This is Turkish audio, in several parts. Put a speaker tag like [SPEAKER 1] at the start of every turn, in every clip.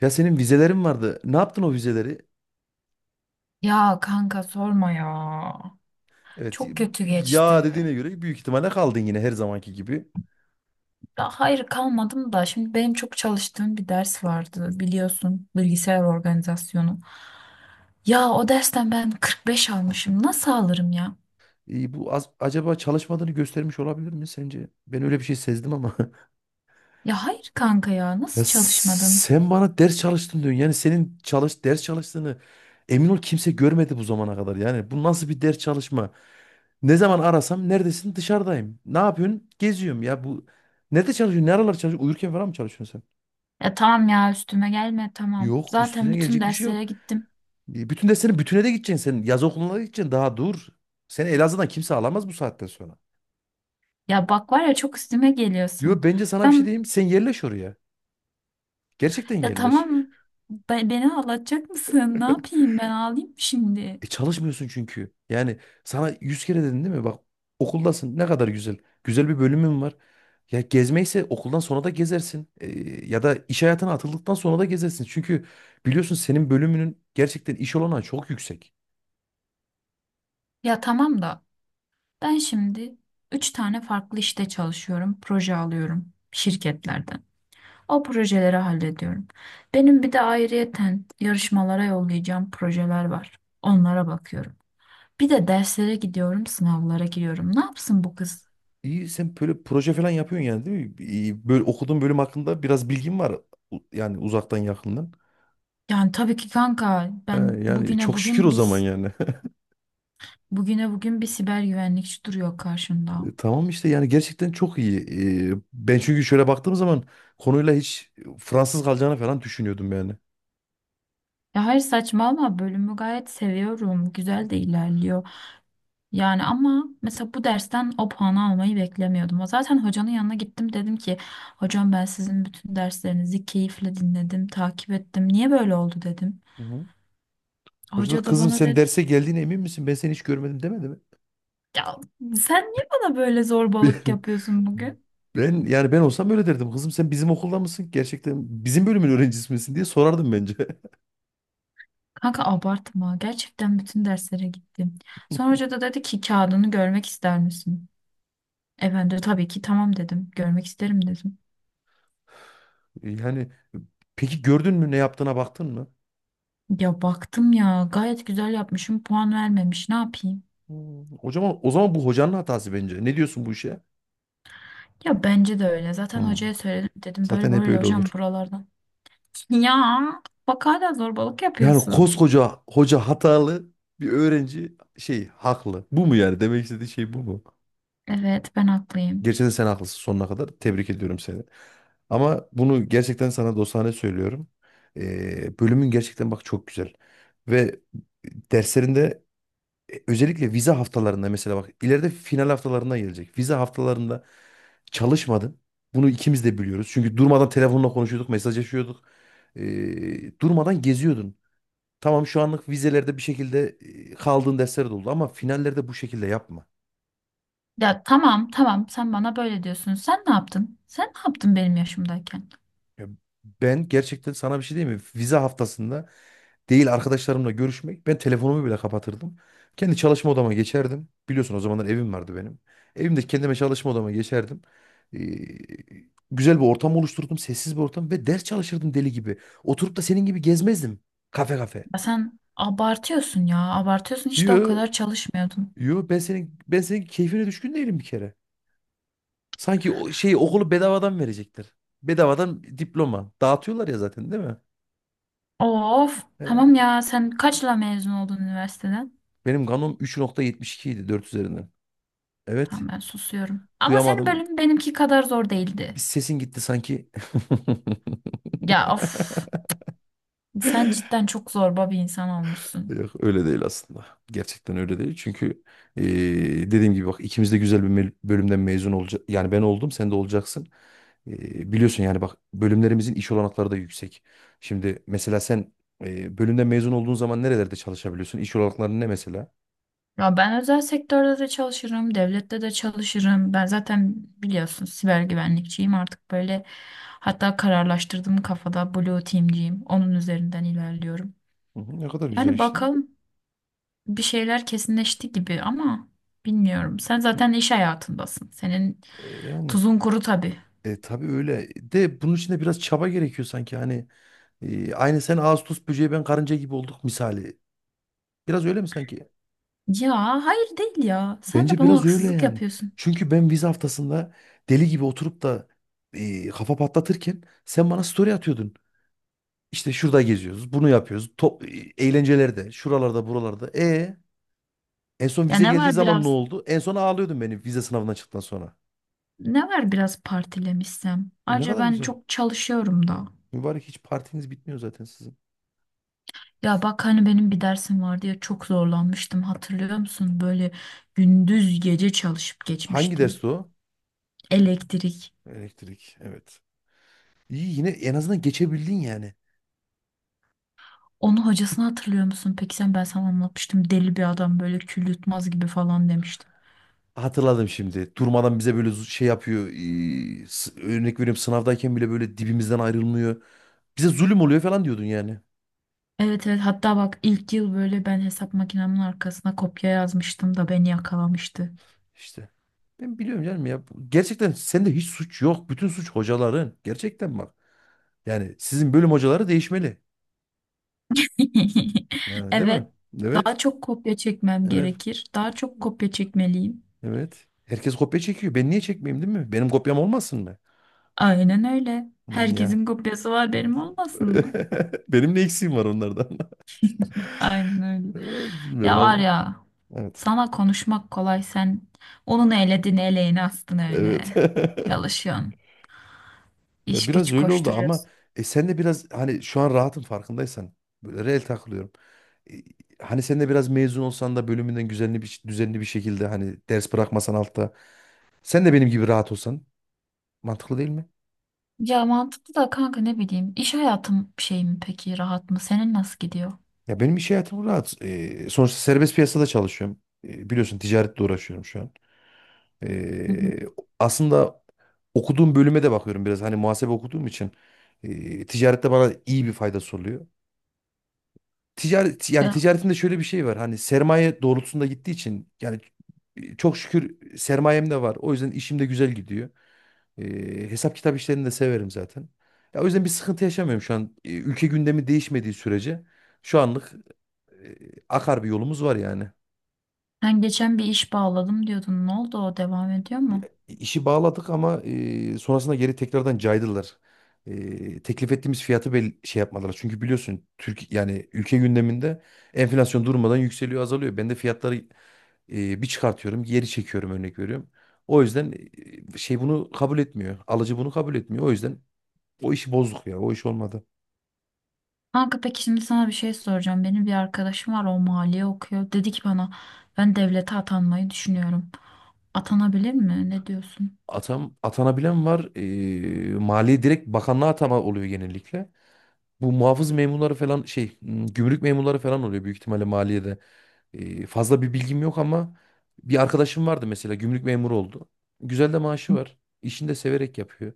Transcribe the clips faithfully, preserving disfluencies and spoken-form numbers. [SPEAKER 1] Ya senin vizelerin vardı. Ne yaptın o vizeleri?
[SPEAKER 2] Ya kanka sorma ya.
[SPEAKER 1] Evet,
[SPEAKER 2] Çok kötü
[SPEAKER 1] ya
[SPEAKER 2] geçti.
[SPEAKER 1] dediğine göre büyük ihtimalle kaldın yine her zamanki gibi.
[SPEAKER 2] Ya hayır kalmadım da şimdi benim çok çalıştığım bir ders vardı, biliyorsun, bilgisayar organizasyonu. Ya o dersten ben kırk beş almışım. Nasıl alırım ya?
[SPEAKER 1] E, bu az, acaba çalışmadığını göstermiş olabilir mi sence? Ben öyle bir şey sezdim ama.
[SPEAKER 2] Ya hayır kanka, ya
[SPEAKER 1] Ya
[SPEAKER 2] nasıl çalışmadım?
[SPEAKER 1] sen bana ders çalıştın diyorsun. Yani senin çalış ders çalıştığını emin ol kimse görmedi bu zamana kadar. Yani bu nasıl bir ders çalışma? Ne zaman arasam neredesin? Dışarıdayım. Ne yapıyorsun? Geziyorum ya bu. Nerede çalışıyorsun? Ne aralar çalışıyorsun? Uyurken falan mı çalışıyorsun sen?
[SPEAKER 2] Ya tamam ya, üstüme gelme, tamam.
[SPEAKER 1] Yok
[SPEAKER 2] Zaten
[SPEAKER 1] üstüne
[SPEAKER 2] bütün
[SPEAKER 1] gelecek bir şey yok.
[SPEAKER 2] derslere gittim.
[SPEAKER 1] E, Bütün derslerin bütüne de gideceksin sen. Yaz okuluna da gideceksin. Daha dur. Seni Elazığ'dan kimse alamaz bu saatten sonra.
[SPEAKER 2] Ya bak, var ya, çok üstüme geliyorsun.
[SPEAKER 1] Yo, bence sana bir şey
[SPEAKER 2] Ben,
[SPEAKER 1] diyeyim. Sen yerleş oraya. Gerçekten
[SPEAKER 2] ya
[SPEAKER 1] yerleş.
[SPEAKER 2] tamam be- Beni ağlatacak mısın? Ne yapayım, ben ağlayayım mı şimdi?
[SPEAKER 1] E çalışmıyorsun çünkü. Yani sana yüz kere dedin değil mi? Bak, okuldasın ne kadar güzel. Güzel bir bölümün var. Ya gezmeyse okuldan sonra da gezersin. E, ya da iş hayatına atıldıktan sonra da gezersin. Çünkü biliyorsun senin bölümünün gerçekten iş olanağı çok yüksek.
[SPEAKER 2] Ya tamam da, ben şimdi üç tane farklı işte çalışıyorum, proje alıyorum şirketlerden. O projeleri hallediyorum. Benim bir de ayrıyeten yarışmalara yollayacağım projeler var. Onlara bakıyorum. Bir de derslere gidiyorum, sınavlara giriyorum. Ne yapsın bu kız?
[SPEAKER 1] İyi, sen böyle proje falan yapıyorsun yani değil mi? İyi, böyle okuduğun bölüm hakkında biraz bilgin var. U- Yani uzaktan yakından.
[SPEAKER 2] Yani tabii ki kanka,
[SPEAKER 1] He,
[SPEAKER 2] ben
[SPEAKER 1] yani
[SPEAKER 2] bugüne
[SPEAKER 1] çok şükür o
[SPEAKER 2] bugün
[SPEAKER 1] zaman
[SPEAKER 2] biz
[SPEAKER 1] yani.
[SPEAKER 2] bugüne bugün bir siber güvenlikçi duruyor karşımda.
[SPEAKER 1] E, Tamam işte, yani gerçekten çok iyi. E, Ben çünkü şöyle baktığım zaman konuyla hiç Fransız kalacağını falan düşünüyordum yani.
[SPEAKER 2] Ya hayır, saçmalama, bölümü gayet seviyorum. Güzel de ilerliyor. Yani ama mesela bu dersten o puanı almayı beklemiyordum. Zaten hocanın yanına gittim, dedim ki hocam, ben sizin bütün derslerinizi keyifle dinledim, takip ettim. Niye böyle oldu dedim.
[SPEAKER 1] Hı hı. Hoca da
[SPEAKER 2] Hoca da
[SPEAKER 1] kızım
[SPEAKER 2] bana
[SPEAKER 1] sen
[SPEAKER 2] dedi,
[SPEAKER 1] derse geldiğine emin misin? Ben seni hiç görmedim demedi mi?
[SPEAKER 2] ya sen niye bana böyle zorbalık yapıyorsun bugün?
[SPEAKER 1] Ben yani ben olsam öyle derdim. Kızım sen bizim okulda mısın? Gerçekten bizim bölümün öğrencisi misin diye sorardım bence.
[SPEAKER 2] Kanka abartma, gerçekten bütün derslere gittim. Sonra hoca da dedi ki kağıdını görmek ister misin? E ben de tabii ki tamam dedim, görmek isterim dedim.
[SPEAKER 1] Yani peki, gördün mü, ne yaptığına baktın mı?
[SPEAKER 2] Ya baktım ya, gayet güzel yapmışım, puan vermemiş, ne yapayım?
[SPEAKER 1] Hmm. O zaman, o zaman bu hocanın hatası bence. Ne diyorsun bu işe?
[SPEAKER 2] Ya bence de öyle. Zaten
[SPEAKER 1] Hmm.
[SPEAKER 2] hocaya söyledim. Dedim
[SPEAKER 1] Zaten
[SPEAKER 2] böyle
[SPEAKER 1] hep
[SPEAKER 2] böyle
[SPEAKER 1] öyle
[SPEAKER 2] hocam,
[SPEAKER 1] olur.
[SPEAKER 2] buralardan. Ya bak, hala zorbalık
[SPEAKER 1] Yani
[SPEAKER 2] yapıyorsun.
[SPEAKER 1] koskoca hoca hatalı, bir öğrenci şey haklı. Bu mu yani demek istediği, şey bu mu?
[SPEAKER 2] Evet, ben haklıyım.
[SPEAKER 1] Gerçekten sen haklısın sonuna kadar. Tebrik ediyorum seni. Ama bunu gerçekten sana dostane söylüyorum. Ee, bölümün gerçekten bak çok güzel. Ve derslerinde e, özellikle vize haftalarında, mesela bak, ileride final haftalarına gelecek. Vize haftalarında çalışmadın. Bunu ikimiz de biliyoruz. Çünkü durmadan telefonla konuşuyorduk, mesajlaşıyorduk. Ee, durmadan geziyordun. Tamam, şu anlık vizelerde bir şekilde e, kaldığın dersler de oldu ama finallerde bu şekilde yapma.
[SPEAKER 2] Ya tamam tamam, sen bana böyle diyorsun. Sen ne yaptın? Sen ne yaptın benim yaşımdayken?
[SPEAKER 1] Ya ben gerçekten sana bir şey diyeyim mi? Vize haftasında değil arkadaşlarımla görüşmek, ben telefonumu bile kapatırdım. Kendi çalışma odama geçerdim. Biliyorsun o zamanlar evim vardı benim. Evimde kendime çalışma odama geçerdim. Ee, Güzel bir ortam oluşturdum. Sessiz bir ortam ve ders çalışırdım deli gibi. Oturup da senin gibi gezmezdim. Kafe kafe.
[SPEAKER 2] Ya sen abartıyorsun ya. Abartıyorsun, hiç de o
[SPEAKER 1] Yo,
[SPEAKER 2] kadar çalışmıyordun.
[SPEAKER 1] yo, ben senin ben senin keyfine düşkün değilim bir kere. Sanki o şeyi, okulu bedavadan verecekler. Bedavadan diploma. Dağıtıyorlar ya zaten değil mi?
[SPEAKER 2] Of, tamam
[SPEAKER 1] Ee,
[SPEAKER 2] ya, sen kaçla mezun oldun üniversiteden?
[SPEAKER 1] Benim kanom üç nokta yetmiş iki idi, dört üzerinden. Evet.
[SPEAKER 2] Tamam, ben susuyorum. Ama senin
[SPEAKER 1] Duyamadım.
[SPEAKER 2] bölümün benimki kadar zor
[SPEAKER 1] Bir
[SPEAKER 2] değildi.
[SPEAKER 1] sesin gitti sanki.
[SPEAKER 2] Ya of, sen cidden çok zorba bir insan olmuşsun.
[SPEAKER 1] Yok öyle değil aslında. Gerçekten öyle değil. Çünkü eee, dediğim gibi bak, ikimiz de güzel bir mel- bölümden mezun olacak. Yani ben oldum, sen de olacaksın. Eee, biliyorsun yani bak, bölümlerimizin iş olanakları da yüksek. Şimdi mesela sen eee, bölümden mezun olduğun zaman nerelerde çalışabiliyorsun? İş olanakları ne mesela?
[SPEAKER 2] Ya ben özel sektörde de çalışırım, devlette de çalışırım. Ben zaten biliyorsun siber güvenlikçiyim artık, böyle hatta kararlaştırdım kafada, Blue Team'ciyim. Onun üzerinden ilerliyorum.
[SPEAKER 1] Hı hı, ne kadar güzel
[SPEAKER 2] Yani
[SPEAKER 1] işte.
[SPEAKER 2] bakalım, bir şeyler kesinleşti gibi ama bilmiyorum. Sen zaten iş hayatındasın. Senin
[SPEAKER 1] E, yani
[SPEAKER 2] tuzun kuru tabii.
[SPEAKER 1] e, tabii öyle. De bunun için de biraz çaba gerekiyor sanki. Hani e, aynı sen ağustos böceği, ben karınca gibi olduk misali. Biraz öyle mi sanki?
[SPEAKER 2] Ya hayır değil ya. Sen de
[SPEAKER 1] Bence
[SPEAKER 2] bana
[SPEAKER 1] biraz öyle
[SPEAKER 2] haksızlık
[SPEAKER 1] yani.
[SPEAKER 2] yapıyorsun.
[SPEAKER 1] Çünkü ben vize haftasında deli gibi oturup da e, kafa patlatırken sen bana story atıyordun. İşte şurada geziyoruz, bunu yapıyoruz. Top, e, eğlencelerde, şuralarda, buralarda. E en son
[SPEAKER 2] Ya
[SPEAKER 1] vize
[SPEAKER 2] ne
[SPEAKER 1] geldiği
[SPEAKER 2] var
[SPEAKER 1] zaman ne
[SPEAKER 2] biraz
[SPEAKER 1] oldu? En son ağlıyordun beni, vize sınavından çıktıktan sonra.
[SPEAKER 2] Ne var biraz partilemişsem.
[SPEAKER 1] E, ne
[SPEAKER 2] Ayrıca
[SPEAKER 1] kadar
[SPEAKER 2] ben
[SPEAKER 1] güzel.
[SPEAKER 2] çok çalışıyorum da.
[SPEAKER 1] Mübarek, hiç partiniz bitmiyor zaten sizin.
[SPEAKER 2] Ya bak hani benim bir dersim vardı ya, çok zorlanmıştım, hatırlıyor musun? Böyle gündüz gece çalışıp
[SPEAKER 1] Hangi
[SPEAKER 2] geçmiştim.
[SPEAKER 1] dersti o?
[SPEAKER 2] Elektrik.
[SPEAKER 1] Elektrik, evet. İyi, yine en azından geçebildin yani.
[SPEAKER 2] Onu hocasını hatırlıyor musun? Peki sen, ben sana anlatmıştım. Deli bir adam, böyle kül yutmaz gibi falan demiştim.
[SPEAKER 1] Hatırladım şimdi. Durmadan bize böyle zu- şey yapıyor. ee, s- Örnek veriyorum, sınavdayken bile böyle dibimizden ayrılmıyor. Bize zulüm oluyor falan diyordun yani.
[SPEAKER 2] Evet evet, hatta bak ilk yıl böyle ben hesap makinemin arkasına kopya yazmıştım da beni yakalamıştı.
[SPEAKER 1] İşte. Ben biliyorum canım ya. Bu- Gerçekten sende hiç suç yok. Bütün suç hocaların. Gerçekten bak. Yani sizin bölüm hocaları değişmeli. Yani değil mi?
[SPEAKER 2] Evet, daha
[SPEAKER 1] Evet.
[SPEAKER 2] çok kopya çekmem
[SPEAKER 1] Evet.
[SPEAKER 2] gerekir. Daha çok kopya çekmeliyim.
[SPEAKER 1] Evet. Herkes kopya çekiyor. Ben niye çekmeyeyim değil mi? Benim kopyam olmasın mı?
[SPEAKER 2] Aynen öyle.
[SPEAKER 1] Hmm, ya.
[SPEAKER 2] Herkesin kopyası var, benim olmasın mı?
[SPEAKER 1] Benim ne eksiğim var onlardan?
[SPEAKER 2] Aynen öyle.
[SPEAKER 1] Bilmiyorum
[SPEAKER 2] Ya var
[SPEAKER 1] ama.
[SPEAKER 2] ya,
[SPEAKER 1] Evet.
[SPEAKER 2] sana konuşmak kolay, sen onun eledin eleğini astın öyle.
[SPEAKER 1] Evet.
[SPEAKER 2] Çalışıyorsun,
[SPEAKER 1] Ya
[SPEAKER 2] iş
[SPEAKER 1] biraz
[SPEAKER 2] güç
[SPEAKER 1] öyle oldu ama
[SPEAKER 2] koşturuyorsun.
[SPEAKER 1] e, sen de biraz hani şu an rahatın farkındaysan, böyle reel takılıyorum. E, hani sen de biraz mezun olsan da bölümünden, düzenli bir düzenli bir şekilde hani ders bırakmasan altta, sen de benim gibi rahat olsan, mantıklı değil mi?
[SPEAKER 2] Ya mantıklı da kanka, ne bileyim, iş hayatım şey mi peki, rahat mı? Senin nasıl gidiyor?
[SPEAKER 1] Ya benim iş hayatım rahat. E, sonuçta serbest piyasada çalışıyorum. E, biliyorsun ticaretle uğraşıyorum şu an.
[SPEAKER 2] Hı hı.
[SPEAKER 1] E, aslında okuduğum bölüme de bakıyorum biraz, hani muhasebe okuduğum için e, ticarette bana iyi bir faydası oluyor. ticaret yani
[SPEAKER 2] Ya,
[SPEAKER 1] ticaretimde şöyle bir şey var. Hani sermaye doğrultusunda gittiği için yani çok şükür sermayem de var. O yüzden işim de güzel gidiyor. Ee, hesap kitap işlerini de severim zaten. Ya o yüzden bir sıkıntı yaşamıyorum şu an. Ee, Ülke gündemi değişmediği sürece şu anlık e, akar bir yolumuz var yani.
[SPEAKER 2] sen geçen bir iş bağladım diyordun. Ne oldu, o devam ediyor
[SPEAKER 1] E,
[SPEAKER 2] mu?
[SPEAKER 1] İşi bağladık ama e, sonrasında geri tekrardan caydılar. E, teklif ettiğimiz fiyatı bel şey yapmadılar. Çünkü biliyorsun Türk, yani ülke gündeminde enflasyon durmadan yükseliyor, azalıyor. Ben de fiyatları E, bir çıkartıyorum, geri çekiyorum, örnek veriyorum. O yüzden e, şey bunu kabul etmiyor. Alıcı bunu kabul etmiyor. O yüzden o işi bozduk ya. O iş olmadı.
[SPEAKER 2] Kanka peki, şimdi sana bir şey soracağım. Benim bir arkadaşım var, o maliye okuyor. Dedi ki bana, ben devlete atanmayı düşünüyorum. Atanabilir mi? Ne diyorsun?
[SPEAKER 1] Atam, atanabilen var. E, maliye direkt bakanlığa atama oluyor genellikle. Bu muhafız memurları falan şey m, gümrük memurları falan oluyor büyük ihtimalle maliyede. E, fazla bir bilgim yok ama bir arkadaşım vardı mesela, gümrük memuru oldu. Güzel de maaşı var. İşini de severek yapıyor.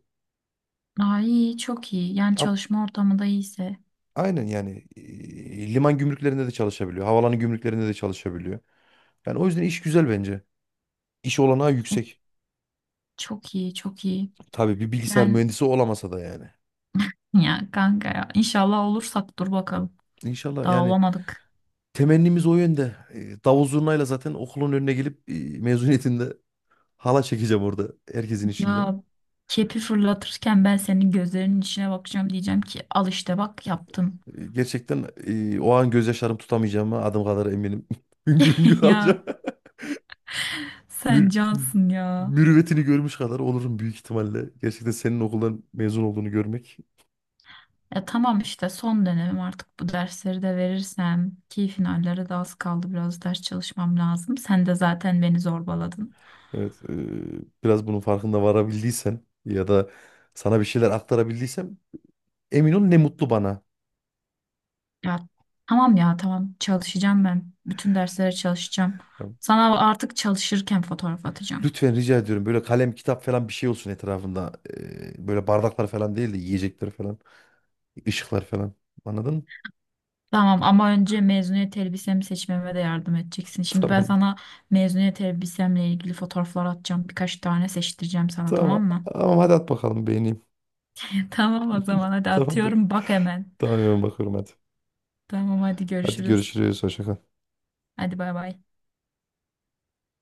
[SPEAKER 2] Aa, iyi, çok iyi. Yani
[SPEAKER 1] Am-
[SPEAKER 2] çalışma ortamı da iyiyse.
[SPEAKER 1] Aynen, yani e, liman gümrüklerinde de çalışabiliyor, havaalanı gümrüklerinde de çalışabiliyor. Yani o yüzden iş güzel bence. İş olanağı yüksek.
[SPEAKER 2] Çok iyi, çok iyi.
[SPEAKER 1] Tabii, bir bilgisayar
[SPEAKER 2] Yani
[SPEAKER 1] mühendisi olamasa da yani.
[SPEAKER 2] ya kanka ya, inşallah olursak, dur bakalım.
[SPEAKER 1] İnşallah
[SPEAKER 2] Daha
[SPEAKER 1] yani,
[SPEAKER 2] olamadık.
[SPEAKER 1] temennimiz o yönde. E, Davul zurnayla zaten okulun önüne gelip e, mezuniyetinde hala çekeceğim orada, herkesin içinde.
[SPEAKER 2] Ya kepi fırlatırken ben senin gözlerinin içine bakacağım, diyeceğim ki al işte bak, yaptım.
[SPEAKER 1] E, Gerçekten e, o an gözyaşlarım tutamayacağıma adım kadar eminim. Hüngür hüngür
[SPEAKER 2] Ya
[SPEAKER 1] alacağım.
[SPEAKER 2] sen
[SPEAKER 1] Mür
[SPEAKER 2] cansın ya.
[SPEAKER 1] mürüvvetini görmüş kadar olurum büyük ihtimalle. Gerçekten senin okuldan mezun olduğunu görmek.
[SPEAKER 2] Ya tamam işte, son dönemim artık, bu dersleri de verirsem ki finallere de az kaldı, biraz ders çalışmam lazım. Sen de zaten beni zorbaladın.
[SPEAKER 1] Evet, e, biraz bunun farkında varabildiysen ya da sana bir şeyler aktarabildiysem, emin ol ne mutlu bana.
[SPEAKER 2] Ya tamam ya, tamam, çalışacağım ben. Bütün derslere çalışacağım. Sana artık çalışırken fotoğraf atacağım.
[SPEAKER 1] Lütfen rica ediyorum, böyle kalem kitap falan bir şey olsun etrafında. Ee, böyle bardaklar falan değil de, yiyecekler falan, ışıklar falan. Anladın mı?
[SPEAKER 2] Tamam, ama önce mezuniyet elbisemi seçmeme de yardım edeceksin. Şimdi ben
[SPEAKER 1] Tamamdır.
[SPEAKER 2] sana mezuniyet elbisemle ilgili fotoğraflar atacağım. Birkaç tane seçtireceğim sana,
[SPEAKER 1] Tamam.
[SPEAKER 2] tamam mı?
[SPEAKER 1] Tamam, hadi at bakalım, beğeneyim.
[SPEAKER 2] Tamam o zaman, hadi
[SPEAKER 1] Tamamdır.
[SPEAKER 2] atıyorum bak hemen.
[SPEAKER 1] Tamam, hemen bakıyorum, hadi.
[SPEAKER 2] Tamam, hadi
[SPEAKER 1] Hadi
[SPEAKER 2] görüşürüz.
[SPEAKER 1] görüşürüz. Hoşça kal.
[SPEAKER 2] Hadi bay bay.